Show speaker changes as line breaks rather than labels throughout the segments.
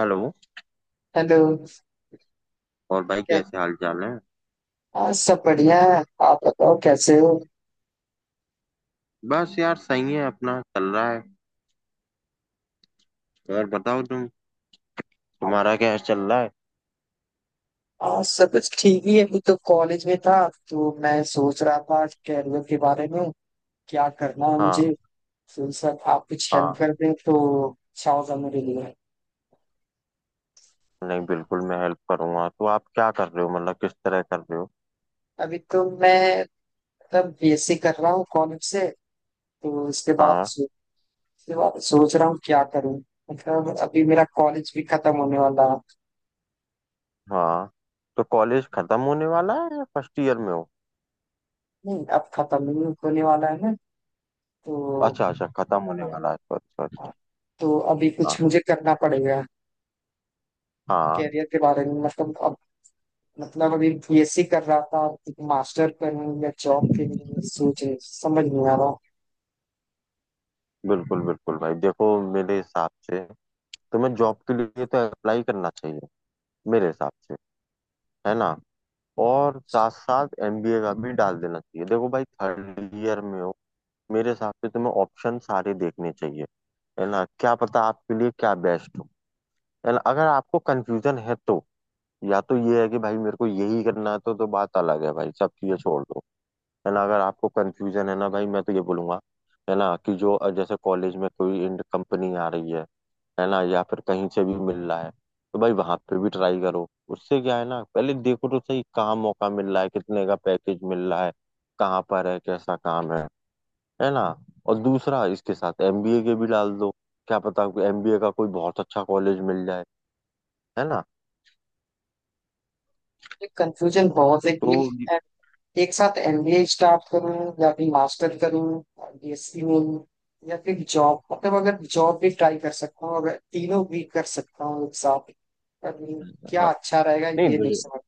Hello.
Hello.
और भाई
कै-
कैसे हाल चाल है?
आज सब बढ़िया है, आप बताओ कैसे हो?
बस यार सही है, अपना चल रहा है। और बताओ तुम,
आ-
तुम्हारा क्या चल रहा है?
आज सब कुछ ठीक ही है, अभी तो कॉलेज में था। तो मैं सोच रहा था कैरियर के बारे में क्या करना है मुझे।
हाँ।
तो सर आप कुछ हेल्प
हाँ,
कर दें तो अच्छा होगा मेरे लिए।
नहीं बिल्कुल मैं हेल्प करूंगा, तो आप क्या कर रहे हो, मतलब किस तरह कर रहे हो?
अभी तो मैं मतलब बीएससी कर रहा हूँ कॉलेज से। तो इसके बाद
हाँ।
इसके बाद सोच रहा हूँ क्या करूँ। मतलब अभी मेरा कॉलेज भी खत्म होने वाला है।
हाँ, तो कॉलेज खत्म होने वाला है या फर्स्ट ईयर में हो?
नहीं, अब खत्म ही होने वाला है ना तो।
अच्छा अच्छा, खत्म होने
हाँ।
वाला है, सॉरी सॉरी।
हाँ, तो अभी
हाँ।
कुछ मुझे करना पड़ेगा
हाँ,
कैरियर के बारे में मतलब अब। मतलब अभी बीएससी कर रहा था, मास्टर करूँ या जॉब के लिए समझ नहीं आ रहा।
बिल्कुल बिल्कुल भाई देखो, मेरे हिसाब से तुम्हें जॉब के लिए तो अप्लाई करना चाहिए, मेरे हिसाब से, है ना, और साथ साथ एमबीए का भी डाल देना चाहिए। देखो भाई, थर्ड ईयर में हो, मेरे हिसाब से तुम्हें ऑप्शन सारे देखने चाहिए, है ना, क्या पता आपके लिए क्या बेस्ट हो, है ना, अगर आपको कंफ्यूजन है तो। या तो ये है कि भाई मेरे को यही करना है, तो बात अलग है, भाई सब चीजें छोड़ दो, है ना, अगर आपको कंफ्यूजन है ना, भाई मैं तो ये बोलूंगा, है ना कि जो जैसे कॉलेज में कोई कंपनी आ रही है ना, या फिर कहीं से भी मिल रहा है, तो भाई वहां पे भी ट्राई करो। उससे क्या है ना, पहले देखो तो सही, कहाँ मौका मिल रहा है, कितने का पैकेज मिल रहा है, कहाँ पर है, कैसा काम है ना, और दूसरा इसके साथ एमबीए के भी डाल दो, क्या पता एमबीए का कोई बहुत अच्छा कॉलेज मिल जाए, है ना
ये कंफ्यूजन बहुत है
तो।
कि एक साथ एमबीए स्टार्ट करूं या फिर मास्टर करूं बीएससी में, या फिर जॉब। मतलब अगर जॉब भी ट्राई कर सकता हूँ, अगर तीनों भी कर सकता हूँ एक साथ, पर क्या
हाँ।
अच्छा रहेगा
नहीं
ये नहीं समझ।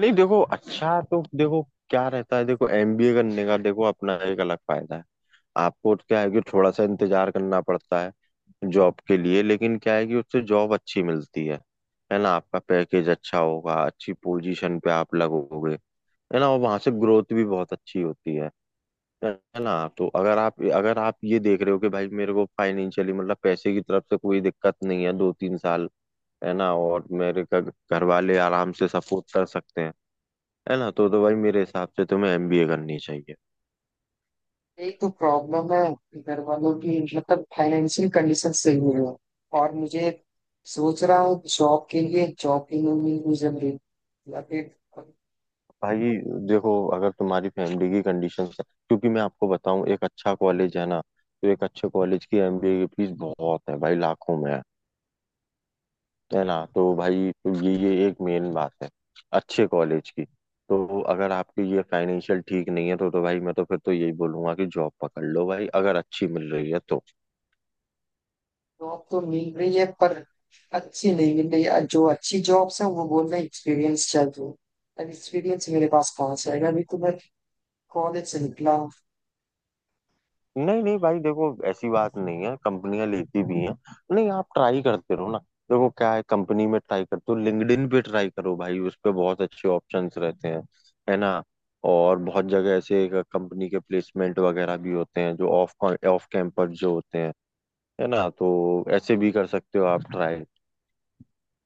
नहीं, देखो अच्छा, तो देखो क्या रहता है, देखो एमबीए करने का देखो अपना एक अलग फायदा है। आपको तो क्या है कि थोड़ा सा इंतजार करना पड़ता है जॉब के लिए, लेकिन क्या है कि उससे जॉब अच्छी मिलती है ना, आपका पैकेज अच्छा होगा, अच्छी पोजीशन पे आप लगोगे, है ना, और वहां से ग्रोथ भी बहुत अच्छी होती है ना। तो अगर आप ये देख रहे हो कि भाई मेरे को फाइनेंशियली, मतलब पैसे की तरफ से कोई दिक्कत नहीं है दो तीन साल, है ना, और मेरे का घर वाले आराम से सपोर्ट कर सकते हैं, है ना, तो भाई मेरे हिसाब से तुम्हें एमबीए करनी चाहिए।
यही तो प्रॉब्लम है, घर वालों की मतलब फाइनेंशियल कंडीशन सही नहीं है। और मुझे सोच रहा हूँ जॉब के लिए, जॉब की नहीं मिल मुझे रही, या फिर
भाई देखो, अगर तुम्हारी फैमिली की कंडीशन है, क्योंकि मैं आपको बताऊं एक अच्छा कॉलेज है ना, तो एक अच्छे कॉलेज की एमबीए की फीस बहुत है भाई, लाखों में है ना, तो भाई ये एक मेन बात है, अच्छे कॉलेज की। तो अगर आपकी ये फाइनेंशियल ठीक नहीं है, तो भाई मैं तो फिर तो यही बोलूंगा कि जॉब पकड़ लो भाई, अगर अच्छी मिल रही है तो।
जॉब तो मिल रही है पर अच्छी नहीं मिल रही है। जो अच्छी जॉब्स है वो बोल रहे हैं एक्सपीरियंस चाहिए। अब एक्सपीरियंस मेरे पास कहाँ से आएगा, अभी तो मैं कॉलेज से निकला हूँ।
नहीं नहीं भाई देखो, ऐसी बात नहीं है, कंपनियां लेती भी हैं। नहीं आप ट्राई करते रहो ना, देखो क्या है, कंपनी में ट्राई करते हो, लिंक्डइन पे ट्राई करो भाई, उस पे बहुत अच्छे ऑप्शंस रहते हैं, है ना, और बहुत जगह ऐसे कंपनी के प्लेसमेंट वगैरह भी होते हैं, जो ऑफ ऑफ कैंपस जो होते हैं, है ना, तो ऐसे भी कर सकते हो आप ट्राई।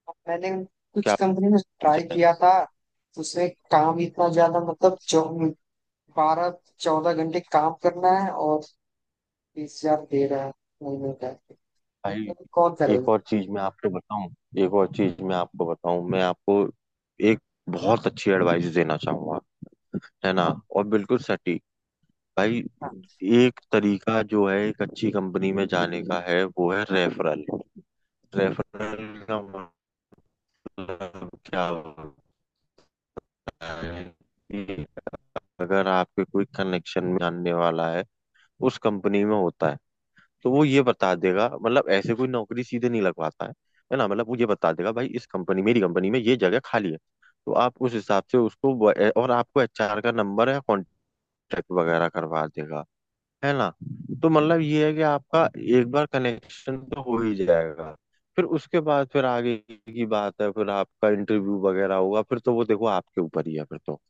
अब मैंने कुछ
क्या
कंपनी में ट्राई
जाए
किया था तो उसमें काम इतना ज्यादा, मतलब जो 12 14 घंटे काम करना है और 20,000 दे रहा है महीने का।
भाई?
मतलब कौन
एक
करेगा।
और चीज मैं आपको बताऊं एक और चीज मैं आपको बताऊं मैं आपको एक बहुत अच्छी एडवाइस देना चाहूंगा, है ना,
हाँ।
और बिल्कुल सटीक भाई।
हाँ।
एक तरीका जो है एक अच्छी कंपनी में जाने का है, वो है रेफरल। रेफरल का मतलब क्या होता है, कि अगर आपके कोई कनेक्शन में जानने वाला है, उस कंपनी में होता है, तो वो ये बता देगा, मतलब ऐसे कोई नौकरी सीधे नहीं लगवाता है ना, मतलब वो ये बता देगा, भाई इस कंपनी, मेरी कंपनी में ये जगह खाली है, तो आप उस हिसाब से उसको और आपको एचआर का नंबर या कॉन्टेक्ट वगैरह करवा देगा, है ना। तो मतलब ये है कि आपका एक बार कनेक्शन तो हो ही जाएगा, फिर उसके बाद फिर आगे की बात है, फिर आपका इंटरव्यू वगैरह होगा, फिर तो वो देखो आपके ऊपर ही है, फिर तो।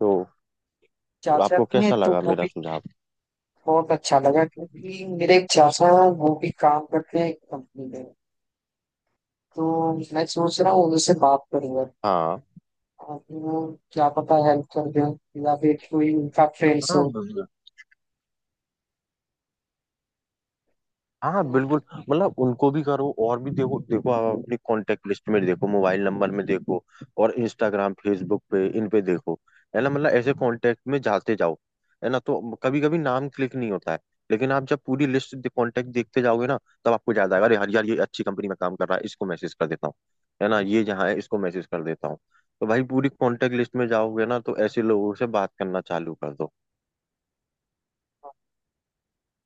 तो
चाचा
आपको
में
कैसा
तो
लगा
वो
मेरा
भी
सुझाव?
बहुत अच्छा लगा क्योंकि मेरे एक चाचा हैं वो भी काम करते हैं एक कंपनी में। तो मैं सोच रहा हूँ उनसे बात करूंगा।
हाँ।
आप वो क्या पता हेल्प कर दें या फिर कोई उनका फ्रेंड्स
हाँ,
हो।
हाँ
तो
बिल्कुल, मतलब उनको भी करो और भी, देखो देखो आप अपनी कांटेक्ट लिस्ट में देखो, मोबाइल नंबर में देखो, और इंस्टाग्राम फेसबुक पे, इन पे देखो, है ना, मतलब ऐसे कांटेक्ट में जाते जाओ, है ना, तो कभी कभी नाम क्लिक नहीं होता है, लेकिन आप जब पूरी लिस्ट कांटेक्ट देखते जाओगे ना, तब आपको याद आएगा, अरे यार यार ये अच्छी कंपनी में काम कर रहा है, इसको मैसेज कर देता हूँ, है ना, ये जहाँ है इसको मैसेज कर देता हूँ, तो भाई पूरी कांटेक्ट लिस्ट में जाओगे ना, तो ऐसे लोगों से बात करना चालू कर दो,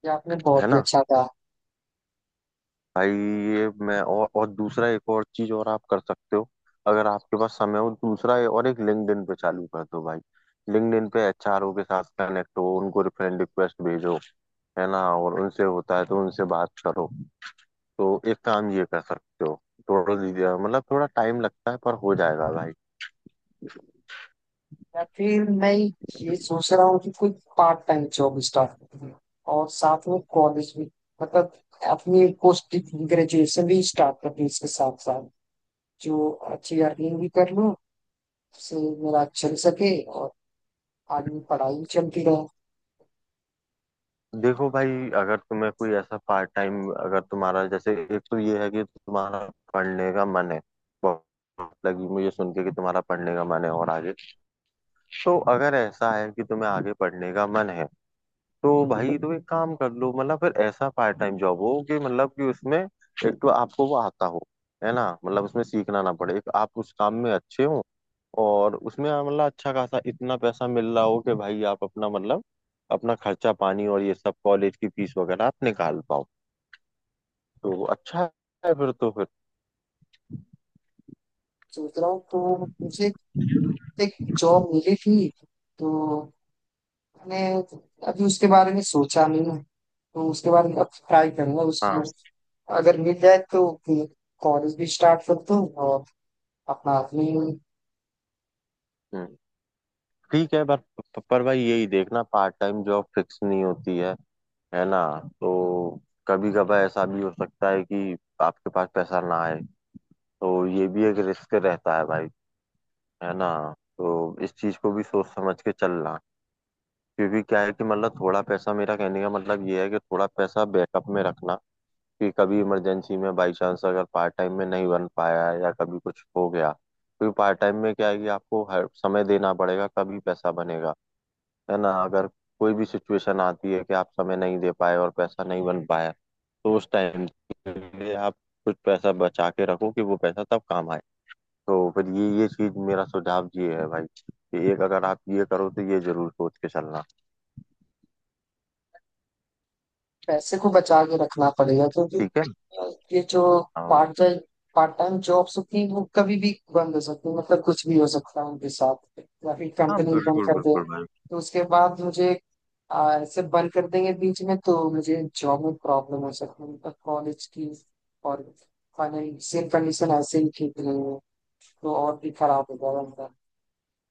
ये आपने
है
बहुत ही
ना
अच्छा कहा।
भाई। ये मैं और दूसरा एक और चीज और आप कर सकते हो, अगर आपके पास समय हो, दूसरा ये, और एक लिंक्डइन पे चालू कर दो भाई, लिंक्डइन पे एचआरओ के साथ कनेक्ट हो, उनको फ्रेंड रिक्वेस्ट भेजो, है ना, और उनसे होता है तो उनसे बात करो, तो एक काम ये कर सकते हो। थोड़ा धीरे, मतलब थोड़ा टाइम लगता है, पर हो जाएगा भाई।
या फिर मैं ये सोच रहा हूँ कि कोई पार्ट टाइम जॉब स्टार्ट करूँ और साथ में कॉलेज भी, मतलब अपनी पोस्ट ग्रेजुएशन भी स्टार्ट कर दूँ इसके साथ साथ, जो अच्छी अर्निंग भी कर लूँ, उससे मेरा चल सके और आगे भी पढ़ाई भी चलती रहे।
देखो भाई, अगर तुम्हें कोई ऐसा पार्ट टाइम, अगर तुम्हारा जैसे एक तो ये है कि तुम्हारा पढ़ने का मन है, बहुत लगी मुझे सुन के कि तुम्हारा पढ़ने का मन है और आगे, तो अगर ऐसा है कि तुम्हें आगे पढ़ने का मन है, तो भाई तो एक काम कर लो, मतलब फिर ऐसा पार्ट टाइम जॉब हो कि मतलब कि उसमें एक तो आपको वो आता हो, है ना, मतलब उसमें सीखना ना पड़े, एक आप उस काम में अच्छे हो, और उसमें मतलब अच्छा खासा इतना पैसा मिल रहा हो कि भाई आप अपना मतलब अपना खर्चा पानी और ये सब कॉलेज की फीस वगैरह आप निकाल पाओ, तो अच्छा है, फिर तो फिर।
सोच रहा हूँ तो मुझे एक जॉब मिली थी, तो मैंने अभी उसके बारे में सोचा नहीं है, तो उसके बारे में अब ट्राई करूंगा
हाँ।
उसको। अगर मिल जाए तो कॉलेज भी स्टार्ट कर दूँ और अपना अपनी
हम्म, ठीक है, पर भाई यही देखना, पार्ट टाइम जॉब फिक्स नहीं होती है ना, तो कभी कभार ऐसा भी हो सकता है कि आपके पास पैसा ना आए, तो ये भी एक रिस्क रहता है भाई, है ना, तो इस चीज को भी सोच समझ के चलना, क्योंकि क्या है कि मतलब थोड़ा पैसा, मेरा कहने का मतलब ये है कि थोड़ा पैसा बैकअप में रखना, कि कभी इमरजेंसी में बाई चांस अगर पार्ट टाइम में नहीं बन पाया या कभी कुछ हो गया, क्योंकि पार्ट टाइम में क्या है कि आपको हर समय देना पड़ेगा, कभी पैसा बनेगा, है ना, अगर कोई भी सिचुएशन आती है कि आप समय नहीं दे पाए और पैसा नहीं बन पाया, तो उस टाइम के लिए आप कुछ पैसा बचा के रखो, कि वो पैसा तब काम आए। तो फिर ये चीज मेरा सुझाव ये है भाई, कि एक अगर आप ये करो तो ये जरूर सोच के चलना।
पैसे को बचा के रखना पड़ेगा क्योंकि
ठीक है।
ये जो
हाँ,
part time part time jobs होती हैं वो कभी भी बंद हो सकती है, मतलब कुछ भी हो सकता है उनके साथ, या फिर
हाँ
कंपनी बंद
बिल्कुल
कर दे।
बिल्कुल भाई।
तो उसके बाद मुझे ऐसे बंद कर देंगे बीच में तो मुझे जॉब में प्रॉब्लम हो सकती है, मतलब कॉलेज की। और फाइनेंशियल कंडीशन ऐसे ही ठीक नहीं है तो और भी खराब हो जाएगा मेरा।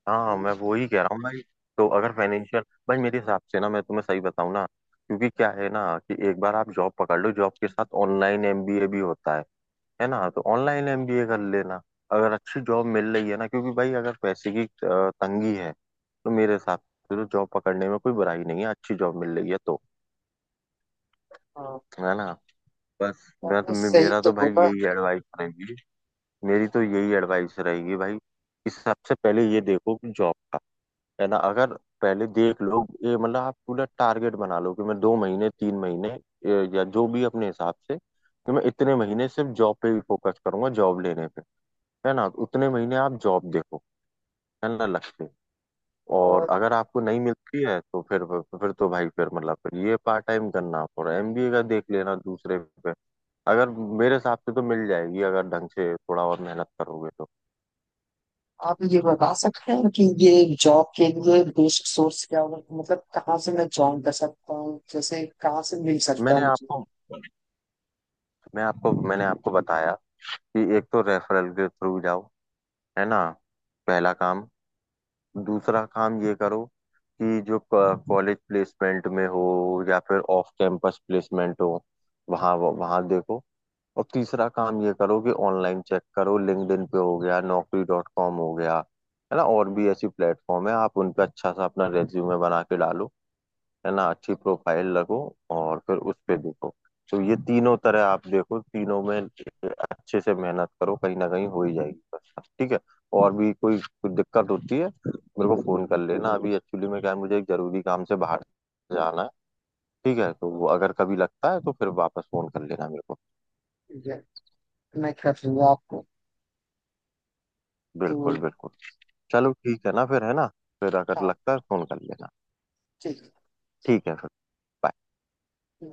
हाँ,
तो,
मैं वही कह रहा हूँ भाई, तो अगर फाइनेंशियल, भाई मेरे हिसाब से ना, मैं तुम्हें सही बताऊँ ना, क्योंकि क्या है ना, कि एक बार आप जॉब पकड़ लो, जॉब के साथ ऑनलाइन एमबीए भी होता है ना, तो ऑनलाइन एमबीए कर लेना, अगर अच्छी जॉब मिल रही है ना, क्योंकि भाई अगर पैसे की तंगी है, तो मेरे हिसाब से तो जॉब पकड़ने में कोई बुराई नहीं है, अच्छी जॉब मिल रही है तो,
हाँ
है ना, बस। मैं तो
आपने सही
मेरा
तो
तो भाई
बोला।
यही एडवाइस रहेगी, मेरी तो यही एडवाइस रहेगी भाई, कि सबसे पहले ये देखो कि जॉब का, है ना, अगर पहले देख लो, ये मतलब आप पूरा टारगेट बना लो कि मैं दो महीने तीन महीने या जो भी अपने हिसाब से, कि मैं इतने महीने सिर्फ जॉब पे ही फोकस करूंगा, जॉब लेने, है ना, उतने महीने आप जॉब देखो, है ना, लक्ष्य, और
और
अगर आपको नहीं मिलती है तो फिर तो भाई फिर मतलब फिर ये पार्ट टाइम करना और एमबीए का देख लेना दूसरे पे, अगर मेरे हिसाब से तो मिल जाएगी अगर ढंग से थोड़ा और मेहनत करोगे तो।
आप ये बता सकते हैं कि ये जॉब के लिए बेसिक सोर्स क्या होगा, मतलब कहाँ से मैं ज्वाइन कर सकता हूँ, जैसे कहाँ से मिल सकता है
मैंने
मुझे।
आपको मैंने आपको बताया कि एक तो रेफरल के थ्रू जाओ, है ना, पहला काम। दूसरा काम ये करो कि जो कॉलेज प्लेसमेंट में हो, या फिर ऑफ कैंपस प्लेसमेंट हो, वहाँ वहाँ देखो। और तीसरा काम ये करो कि ऑनलाइन चेक करो, लिंक्डइन पे हो गया, naukri.com हो गया, है ना, और भी ऐसी प्लेटफॉर्म है, आप उन पे अच्छा सा अपना रेज्यूमे बना के डालो, है ना, अच्छी प्रोफाइल लगो, और फिर उस पे देखो। तो ये तीनों तरह आप देखो, तीनों में अच्छे से मेहनत करो, कहीं ना कहीं हो ही जाएगी बस, ठीक है। और भी कोई कोई दिक्कत होती है मेरे को फोन कर लेना, अभी एक्चुअली में क्या है, मुझे एक जरूरी काम से बाहर जाना है, ठीक है, तो वो अगर कभी लगता है तो फिर वापस फोन कर लेना मेरे को।
ठीक है, मैं कर दूंगा आपको। तो
बिल्कुल बिल्कुल। चलो ठीक है ना फिर, है ना, फिर अगर
हाँ
लगता है तो फोन कर लेना।
ठीक
ठीक है फिर। bye।
है